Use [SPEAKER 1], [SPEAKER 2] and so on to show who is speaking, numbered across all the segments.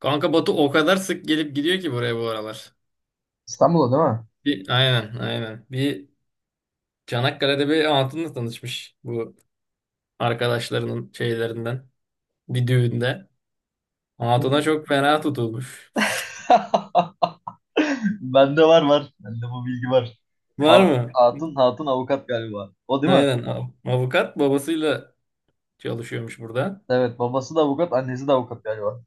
[SPEAKER 1] Kanka Batu o kadar sık gelip gidiyor ki buraya bu aralar.
[SPEAKER 2] İstanbul'da
[SPEAKER 1] Aynen aynen. Bir Çanakkale'de bir hatunla tanışmış bu arkadaşlarının şeylerinden. Bir düğünde.
[SPEAKER 2] değil
[SPEAKER 1] Hatuna
[SPEAKER 2] mi?
[SPEAKER 1] çok fena tutulmuş.
[SPEAKER 2] Bende var var. Bende bu bilgi var.
[SPEAKER 1] Var mı?
[SPEAKER 2] Hatun avukat galiba. O değil mi?
[SPEAKER 1] Aynen. Avukat babasıyla çalışıyormuş burada.
[SPEAKER 2] Evet, babası da avukat, annesi de avukat galiba.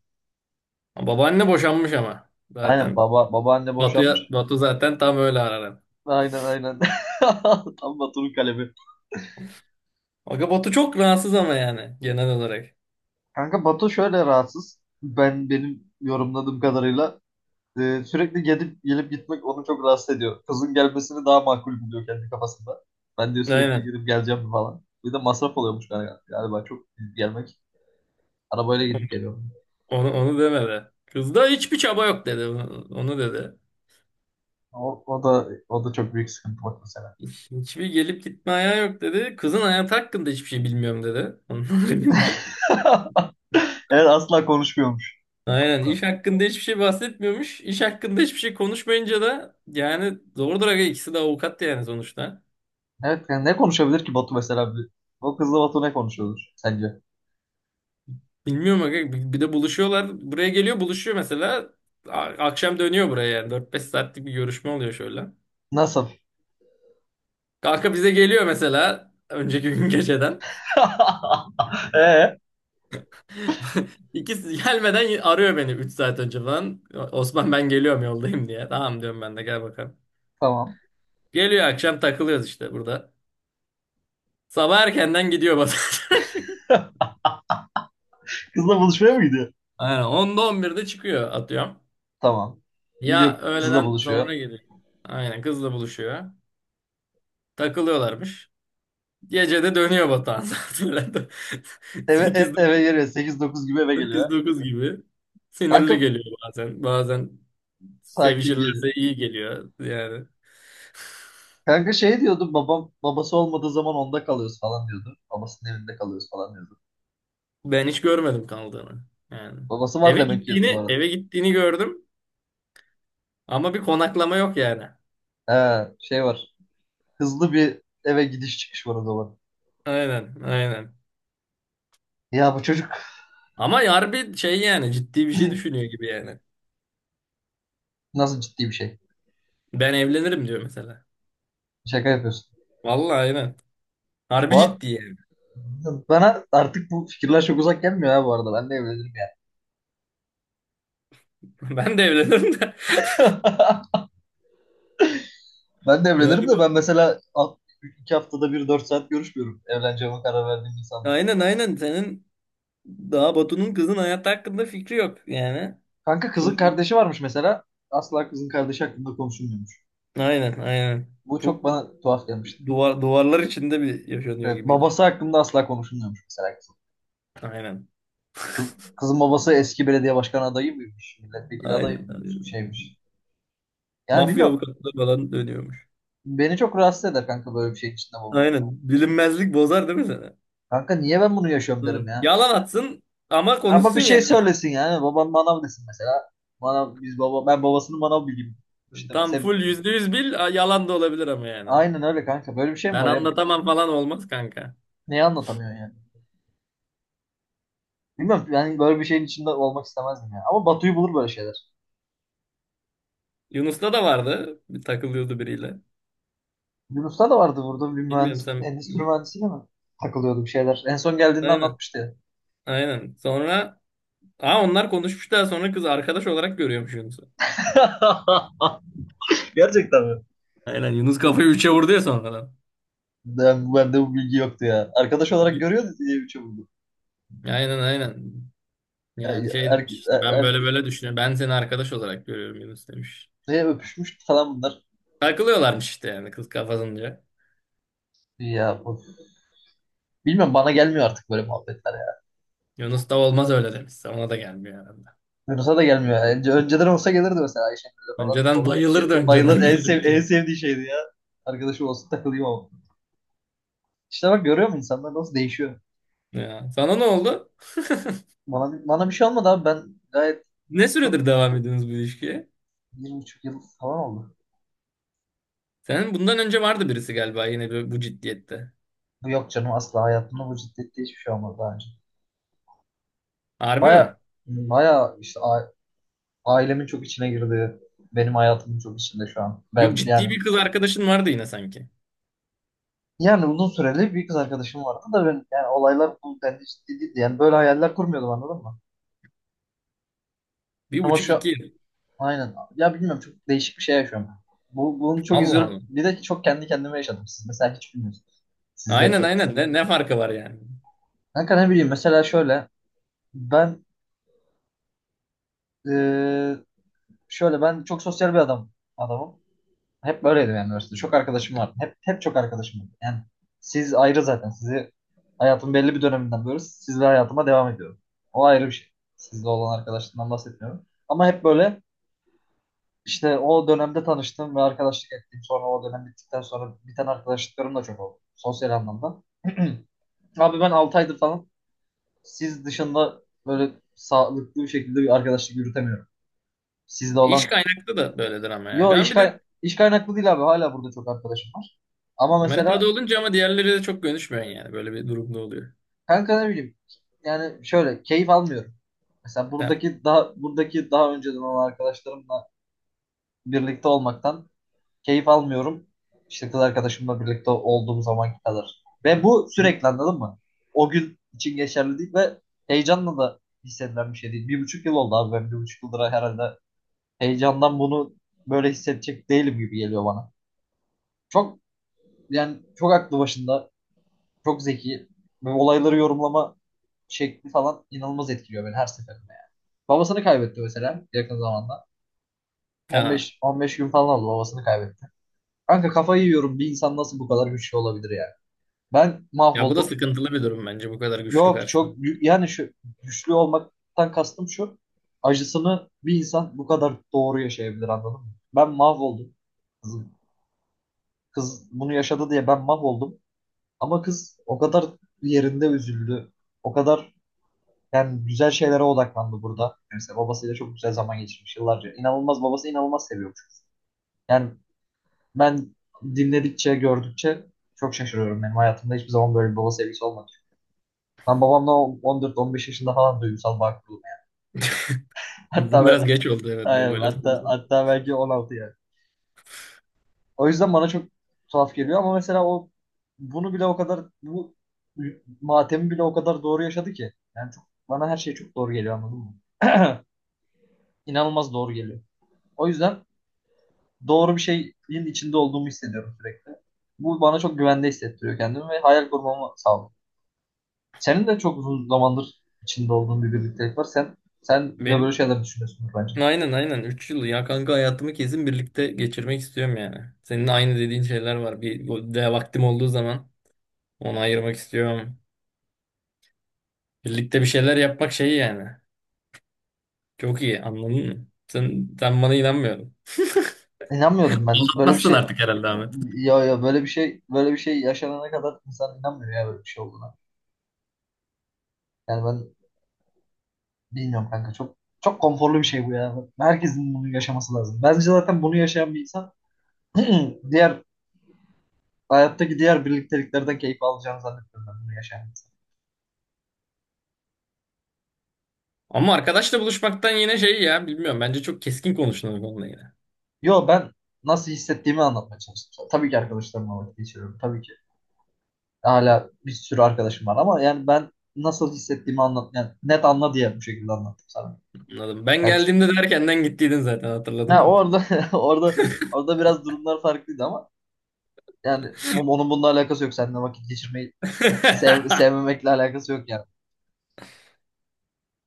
[SPEAKER 1] Babaanne boşanmış ama
[SPEAKER 2] Aynen,
[SPEAKER 1] zaten.
[SPEAKER 2] babaanne boşanmış.
[SPEAKER 1] Batu zaten tam öyle arar.
[SPEAKER 2] Aynen, aynen. Tam Batu'nun kalemi.
[SPEAKER 1] Aga Batu çok rahatsız ama yani genel olarak.
[SPEAKER 2] Kanka Batu şöyle rahatsız. Benim yorumladığım kadarıyla sürekli gelip gelip gitmek onu çok rahatsız ediyor. Kızın gelmesini daha makul buluyor kendi kafasında. Ben diyor sürekli
[SPEAKER 1] Aynen.
[SPEAKER 2] gidip geleceğim falan. Bir de masraf oluyormuş galiba çok gelmek. Arabayla gidip geliyorum.
[SPEAKER 1] Onu demedi. Kızda hiçbir çaba yok dedi. Onu dedi.
[SPEAKER 2] O da çok büyük sıkıntı Batu mesela.
[SPEAKER 1] Hiçbir gelip gitme ayağı yok dedi. Kızın hayatı hakkında hiçbir şey bilmiyorum dedi. Onun haricinde.
[SPEAKER 2] Evet, asla konuşmuyormuş.
[SPEAKER 1] Aynen
[SPEAKER 2] Asla.
[SPEAKER 1] iş hakkında hiçbir şey bahsetmiyormuş. İş hakkında hiçbir şey konuşmayınca da yani doğrudur aga ikisi de avukat yani sonuçta.
[SPEAKER 2] Evet, yani ne konuşabilir ki Batu mesela? Bir? O kızla Batu ne konuşuyordur sence?
[SPEAKER 1] Bilmiyorum aga bir de buluşuyorlar. Buraya geliyor buluşuyor mesela. Akşam dönüyor buraya yani 4-5 saatlik bir görüşme oluyor şöyle.
[SPEAKER 2] Nasıl?
[SPEAKER 1] Kanka bize geliyor mesela önceki gün geceden.
[SPEAKER 2] Ee,
[SPEAKER 1] İkisi gelmeden arıyor beni 3 saat önce falan. Osman ben geliyorum yoldayım diye. Tamam diyorum ben de gel bakalım.
[SPEAKER 2] Tamam.
[SPEAKER 1] Geliyor akşam takılıyoruz işte burada. Sabah erkenden gidiyor bazen.
[SPEAKER 2] Kızla buluşmaya mı gidiyor?
[SPEAKER 1] Aynen 10'da 11'de çıkıyor atıyorum.
[SPEAKER 2] Tamam.
[SPEAKER 1] Ya
[SPEAKER 2] Gidiyor, kızla
[SPEAKER 1] öğleden sonra
[SPEAKER 2] buluşuyor.
[SPEAKER 1] geliyor. Aynen kızla buluşuyor. Takılıyorlarmış. Gece de dönüyor Batuhan saat öğlen
[SPEAKER 2] Eve geliyor. 8-9 gibi eve geliyor.
[SPEAKER 1] 8-9 gibi.
[SPEAKER 2] Kanka
[SPEAKER 1] Sinirli geliyor bazen. Bazen
[SPEAKER 2] sakin
[SPEAKER 1] sevişirlerse
[SPEAKER 2] gelin.
[SPEAKER 1] iyi geliyor. Yani
[SPEAKER 2] Kanka şey diyordu babası olmadığı zaman onda kalıyoruz falan diyordu. Babasının evinde kalıyoruz falan diyordu.
[SPEAKER 1] ben hiç görmedim kaldığını. Yani
[SPEAKER 2] Babası var
[SPEAKER 1] eve
[SPEAKER 2] demek ki bu
[SPEAKER 1] gittiğini
[SPEAKER 2] arada.
[SPEAKER 1] eve gittiğini gördüm ama bir konaklama yok yani.
[SPEAKER 2] He, şey var. Hızlı bir eve gidiş çıkış var o zaman.
[SPEAKER 1] Aynen, aynen.
[SPEAKER 2] Ya, bu çocuk
[SPEAKER 1] Ama harbi şey yani ciddi bir şey düşünüyor gibi yani.
[SPEAKER 2] nasıl ciddi bir şey?
[SPEAKER 1] Ben evlenirim diyor mesela.
[SPEAKER 2] Şaka yapıyorsun.
[SPEAKER 1] Vallahi aynen. Harbi
[SPEAKER 2] Var.
[SPEAKER 1] ciddi yani.
[SPEAKER 2] Bana artık bu fikirler çok uzak gelmiyor ha bu arada. Ben de evlenirim yani.
[SPEAKER 1] Ben de evlenirim de.
[SPEAKER 2] Ben de evlenirim
[SPEAKER 1] Yani
[SPEAKER 2] de, ben
[SPEAKER 1] bu
[SPEAKER 2] mesela 2 haftada bir 4 saat görüşmüyorum evleneceğime karar verdiğim insanla.
[SPEAKER 1] aynen aynen senin daha Batu'nun kızın hayatı hakkında fikri yok yani.
[SPEAKER 2] Kanka
[SPEAKER 1] Çok
[SPEAKER 2] kızın kardeşi varmış mesela. Asla kızın kardeşi hakkında konuşulmuyormuş.
[SPEAKER 1] aynen aynen.
[SPEAKER 2] Bu çok
[SPEAKER 1] Çok
[SPEAKER 2] bana tuhaf gelmişti.
[SPEAKER 1] duvarlar içinde bir yaşanıyor
[SPEAKER 2] Evet,
[SPEAKER 1] gibiydi.
[SPEAKER 2] babası hakkında asla konuşulmuyormuş mesela kızın.
[SPEAKER 1] Aynen.
[SPEAKER 2] Kızın babası eski belediye başkanı adayı mıymış? Milletvekili adayı
[SPEAKER 1] Aynen.
[SPEAKER 2] mıymış?
[SPEAKER 1] aynen.
[SPEAKER 2] Şeymiş. Yani,
[SPEAKER 1] Mafya
[SPEAKER 2] bilmiyorum.
[SPEAKER 1] avukatlığı falan dönüyormuş.
[SPEAKER 2] Beni çok rahatsız eder kanka böyle bir şeyin içinde bulmak.
[SPEAKER 1] Aynen. Bilinmezlik bozar değil mi sana?
[SPEAKER 2] Kanka niye ben bunu yaşıyorum derim
[SPEAKER 1] Hı.
[SPEAKER 2] ya.
[SPEAKER 1] Yalan atsın ama
[SPEAKER 2] Ama
[SPEAKER 1] konuşsun
[SPEAKER 2] bir şey
[SPEAKER 1] yani.
[SPEAKER 2] söylesin yani. Baban manav desin mesela. Manav, biz baba, ben babasının manav bilgim. İşte
[SPEAKER 1] Tam full
[SPEAKER 2] sen...
[SPEAKER 1] yüzde yüz yalan da olabilir ama yani.
[SPEAKER 2] Aynen öyle kanka. Böyle bir şey mi
[SPEAKER 1] Ben
[SPEAKER 2] var ya?
[SPEAKER 1] anlatamam falan olmaz kanka.
[SPEAKER 2] Neyi anlatamıyorsun yani? Bilmiyorum. Yani böyle bir şeyin içinde olmak istemezdim ya. Ama Batu'yu bulur böyle şeyler.
[SPEAKER 1] Yunus'ta da vardı. Bir takılıyordu biriyle.
[SPEAKER 2] Yunus'ta da vardı burada bir
[SPEAKER 1] Bilmiyorum
[SPEAKER 2] mühendis.
[SPEAKER 1] sen.
[SPEAKER 2] Endüstri mühendisiyle mi? Takılıyordu bir şeyler. En son geldiğinde
[SPEAKER 1] Aynen.
[SPEAKER 2] anlatmıştı ya.
[SPEAKER 1] Aynen. Sonra, aa, onlar konuşmuş daha sonra kız arkadaş olarak görüyormuş Yunus'u.
[SPEAKER 2] Gerçekten mi?
[SPEAKER 1] Aynen Yunus kafayı üçe vurdu ya sonradan.
[SPEAKER 2] Bende bu bilgi yoktu ya. Arkadaş olarak görüyordu diye bir çabuk.
[SPEAKER 1] Aynen aynen. Yani
[SPEAKER 2] Ya,
[SPEAKER 1] şey
[SPEAKER 2] er,
[SPEAKER 1] demiş işte
[SPEAKER 2] er,
[SPEAKER 1] ben böyle
[SPEAKER 2] er-
[SPEAKER 1] böyle düşünüyorum. Ben seni arkadaş olarak görüyorum Yunus demiş.
[SPEAKER 2] neye öpüşmüş falan bunlar.
[SPEAKER 1] Takılıyorlarmış işte yani kız kafasınca.
[SPEAKER 2] Ya bu- Bilmiyorum, bana gelmiyor artık böyle muhabbetler ya.
[SPEAKER 1] Yunus da olmaz öyle demiş. Ona da gelmiyor herhalde.
[SPEAKER 2] Yunus'a da gelmiyor. Önceden olsa gelirdi mesela Ayşegül'le falan.
[SPEAKER 1] Önceden
[SPEAKER 2] Olur
[SPEAKER 1] bayılırdı
[SPEAKER 2] bayılır,
[SPEAKER 1] önceden böyle bir
[SPEAKER 2] en
[SPEAKER 1] şey.
[SPEAKER 2] sevdiği şeydi ya. Arkadaşım olsun takılayım ama. İşte bak görüyor musun insanlar nasıl değişiyor.
[SPEAKER 1] Ya, sana ne oldu?
[SPEAKER 2] Bana bir şey olmadı abi, ben gayet
[SPEAKER 1] Ne
[SPEAKER 2] çok,
[SPEAKER 1] süredir devam ediyorsunuz bu ilişkiye?
[SPEAKER 2] 1,5 yıl falan oldu.
[SPEAKER 1] Senin bundan önce vardı birisi galiba yine bu ciddiyette.
[SPEAKER 2] Bu yok canım, asla hayatımda bu ciddiyette hiçbir şey olmadı daha önce.
[SPEAKER 1] Harbi mi?
[SPEAKER 2] Baya baya işte ailemin çok içine girdi. Benim hayatımın çok içinde şu an.
[SPEAKER 1] Yok
[SPEAKER 2] Ben,
[SPEAKER 1] ciddi
[SPEAKER 2] yani
[SPEAKER 1] bir kız arkadaşın vardı yine sanki.
[SPEAKER 2] Uzun süreli bir kız arkadaşım vardı da ben yani olaylar bu denli ciddi değildi. Yani böyle hayaller kurmuyordum anladın mı?
[SPEAKER 1] Bir
[SPEAKER 2] Ama
[SPEAKER 1] buçuk iki
[SPEAKER 2] şu
[SPEAKER 1] yıl.
[SPEAKER 2] aynen. Ya bilmiyorum, çok değişik bir şey yaşıyorum ben. Bunu çok
[SPEAKER 1] Allah
[SPEAKER 2] izol
[SPEAKER 1] Allah.
[SPEAKER 2] bir de çok kendi kendime yaşadım. Siz mesela hiç bilmiyorsunuz. Siz de
[SPEAKER 1] Aynen
[SPEAKER 2] çok.
[SPEAKER 1] aynen. Ne farkı var yani?
[SPEAKER 2] Kanka ne bileyim mesela şöyle ben eee, şöyle ben çok sosyal bir adamım. Hep böyleydim benim üniversitede. Çok arkadaşım vardı. Hep çok arkadaşım vardı. Yani siz ayrı zaten. Sizi hayatın belli bir döneminden böyle sizle hayatıma devam ediyorum. O ayrı bir şey. Sizle olan arkadaşlığından bahsetmiyorum. Ama hep böyle işte o dönemde tanıştım ve arkadaşlık ettim. Sonra o dönem bittikten sonra biten arkadaşlıklarım da çok oldu. Sosyal anlamda. Abi ben 6 aydır falan siz dışında böyle sağlıklı bir şekilde bir arkadaşlık yürütemiyorum. Sizle
[SPEAKER 1] İş
[SPEAKER 2] olan...
[SPEAKER 1] kaynaklı da böyledir ama ya.
[SPEAKER 2] Yo,
[SPEAKER 1] Ben bir de
[SPEAKER 2] iş kaynaklı değil abi. Hala burada çok arkadaşım var. Ama
[SPEAKER 1] manitada
[SPEAKER 2] mesela
[SPEAKER 1] olunca ama diğerleri de çok görüşmüyorsun yani. Böyle bir durumda oluyor.
[SPEAKER 2] kanka ne bileyim yani şöyle keyif almıyorum. Mesela
[SPEAKER 1] Ha.
[SPEAKER 2] buradaki daha önceden olan arkadaşlarımla birlikte olmaktan keyif almıyorum. İşte kız arkadaşımla birlikte olduğum zamanki kadar. Ve bu
[SPEAKER 1] Bu,
[SPEAKER 2] sürekli anladın mı? O gün için geçerli değil ve heyecanla da hissedilen bir şey değil. 1,5 yıl oldu abi, ben 1,5 yıldır herhalde heyecandan bunu böyle hissedecek değilim gibi geliyor bana. Çok, yani çok aklı başında, çok zeki. Ve olayları yorumlama şekli falan inanılmaz etkiliyor beni her seferinde yani. Babasını kaybetti mesela yakın zamanda.
[SPEAKER 1] ha.
[SPEAKER 2] 15 gün falan oldu babasını kaybetti. Kanka kafayı yiyorum, bir insan nasıl bu kadar güçlü olabilir yani. Ben
[SPEAKER 1] Ya bu da
[SPEAKER 2] mahvoldum.
[SPEAKER 1] sıkıntılı bir durum bence bu kadar güçlü
[SPEAKER 2] Yok,
[SPEAKER 1] karşılamak.
[SPEAKER 2] yani şu güçlü olmaktan kastım şu. Acısını bir insan bu kadar doğru yaşayabilir anladın mı? Ben mahvoldum. Kız, kız bunu yaşadı diye ben mahvoldum. Ama kız o kadar yerinde üzüldü. O kadar yani güzel şeylere odaklandı burada. Mesela babasıyla çok güzel zaman geçirmiş yıllarca. İnanılmaz, babası inanılmaz seviyormuş. Yani ben dinledikçe, gördükçe çok şaşırıyorum. Benim hayatımda hiçbir zaman böyle bir baba sevgisi olmadı. Ben babamla 14-15 yaşında falan duygusal bağ kurdum.
[SPEAKER 1] Bizim
[SPEAKER 2] Hatta ben,
[SPEAKER 1] biraz geç oldu evet
[SPEAKER 2] aynen,
[SPEAKER 1] babayla.
[SPEAKER 2] hatta belki 16 yani. O yüzden bana çok tuhaf geliyor ama mesela o bunu bile o kadar bu matemi bile o kadar doğru yaşadı ki. Yani çok, bana her şey çok doğru geliyor anladın mı? İnanılmaz doğru geliyor. O yüzden doğru bir şeyin içinde olduğumu hissediyorum sürekli. Bu bana çok güvende hissettiriyor kendimi ve hayal kurmamı sağlıyor. Senin de çok uzun zamandır içinde olduğun bir birliktelik var. Sen de böyle
[SPEAKER 1] Benim
[SPEAKER 2] şeyler düşünüyorsundur bence.
[SPEAKER 1] Aynen aynen 3 yıl ya kanka hayatımı kesin birlikte geçirmek istiyorum yani. Senin aynı dediğin şeyler var. Bir o de vaktim olduğu zaman onu ayırmak istiyorum. Birlikte bir şeyler yapmak şey yani. Çok iyi anladın mı? Sen bana inanmıyorum.
[SPEAKER 2] İnanmıyordum ben. Böyle bir
[SPEAKER 1] Anlatmazsın
[SPEAKER 2] şey...
[SPEAKER 1] artık herhalde Ahmet.
[SPEAKER 2] Ya, böyle bir şey yaşanana kadar insan inanmıyor ya böyle bir şey olduğuna. Yani ben bilmiyorum kanka, çok çok konforlu bir şey bu ya. Herkesin bunu yaşaması lazım. Bence zaten bunu yaşayan bir insan diğer hayattaki diğer birlikteliklerden keyif alacağını zannetmiyorum, ben bunu yaşayan.
[SPEAKER 1] Ama arkadaşla buluşmaktan yine şey ya bilmiyorum. Bence çok keskin konuştun bu konuda yine.
[SPEAKER 2] Yo, ben nasıl hissettiğimi anlatmaya çalıştım. Tabii ki arkadaşlarımla vakit geçiriyorum. Tabii ki hala bir sürü arkadaşım var ama yani ben nasıl hissettiğimi anlat yani net anla diye bu şekilde anlattım sana.
[SPEAKER 1] Anladım. Ben
[SPEAKER 2] Yani, ç-
[SPEAKER 1] geldiğimde de erkenden gittiydin zaten hatırladım
[SPEAKER 2] ha,
[SPEAKER 1] şimdi.
[SPEAKER 2] orada orada orada biraz durumlar farklıydı ama yani onun bununla alakası yok. Seninle vakit geçirmeyi sevmemekle alakası yok yani.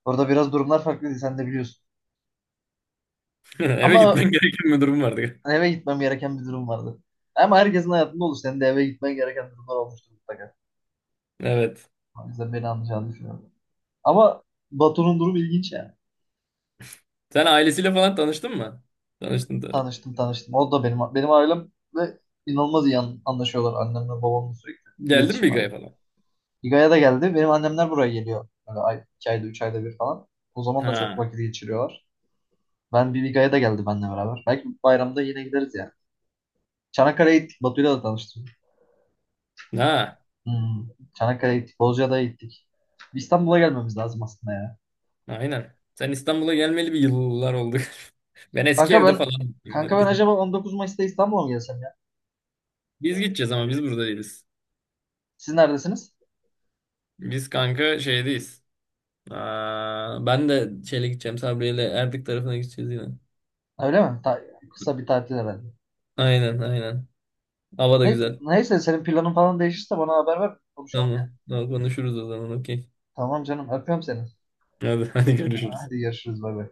[SPEAKER 2] Orada biraz durumlar farklıydı sen de biliyorsun.
[SPEAKER 1] Eve
[SPEAKER 2] Ama
[SPEAKER 1] gitmen gereken bir durum vardı.
[SPEAKER 2] eve gitmem gereken bir durum vardı. Ama herkesin hayatında olur. Senin de eve gitmen gereken durumlar olmuştur mutlaka.
[SPEAKER 1] Evet.
[SPEAKER 2] O yüzden beni anlayacağını düşünüyorum. Ama Batu'nun durumu ilginç yani.
[SPEAKER 1] Sen ailesiyle falan tanıştın mı? Tanıştın da.
[SPEAKER 2] Tanıştım, tanıştım. O da benim ailemle inanılmaz iyi anlaşıyorlar. Annemle babamla sürekli
[SPEAKER 1] Geldin mi
[SPEAKER 2] iletişim var.
[SPEAKER 1] Biga'ya falan?
[SPEAKER 2] İGA'ya da geldi. Benim annemler buraya geliyor. Böyle 2 ayda, 3 ayda bir falan. O zaman da çok
[SPEAKER 1] Ha.
[SPEAKER 2] vakit geçiriyorlar. Ben bir İGA'ya da geldi benimle beraber. Belki bayramda yine gideriz yani. Çanakkale'ye gittik. Batu'yla da tanıştım.
[SPEAKER 1] Ha.
[SPEAKER 2] Hmm. Çanakkale'ye gittik. Bozcaada'ya gittik. İstanbul'a gelmemiz lazım aslında ya.
[SPEAKER 1] Aynen. Sen İstanbul'a gelmeli bir yıllar oldu. Ben eski
[SPEAKER 2] Kanka
[SPEAKER 1] evde
[SPEAKER 2] ben
[SPEAKER 1] falan
[SPEAKER 2] kanka ben
[SPEAKER 1] geldim.
[SPEAKER 2] acaba 19 Mayıs'ta İstanbul'a mı gelsem ya?
[SPEAKER 1] Biz gideceğiz ama biz burada değiliz.
[SPEAKER 2] Siz neredesiniz?
[SPEAKER 1] Biz kanka şeydeyiz. Aa, ben de şeyle gideceğim. Sabriye'yle Erdek tarafına gideceğiz yine.
[SPEAKER 2] Öyle mi? Kısa bir tatil herhalde.
[SPEAKER 1] Aynen aynen. Hava da güzel.
[SPEAKER 2] Neyse senin planın falan değişirse bana haber ver. Konuşalım ya.
[SPEAKER 1] Tamam. Daha konuşuruz o zaman. Okey.
[SPEAKER 2] Tamam canım, öpüyorum seni.
[SPEAKER 1] Hadi, hadi görüşürüz.
[SPEAKER 2] Hadi görüşürüz, bay bay.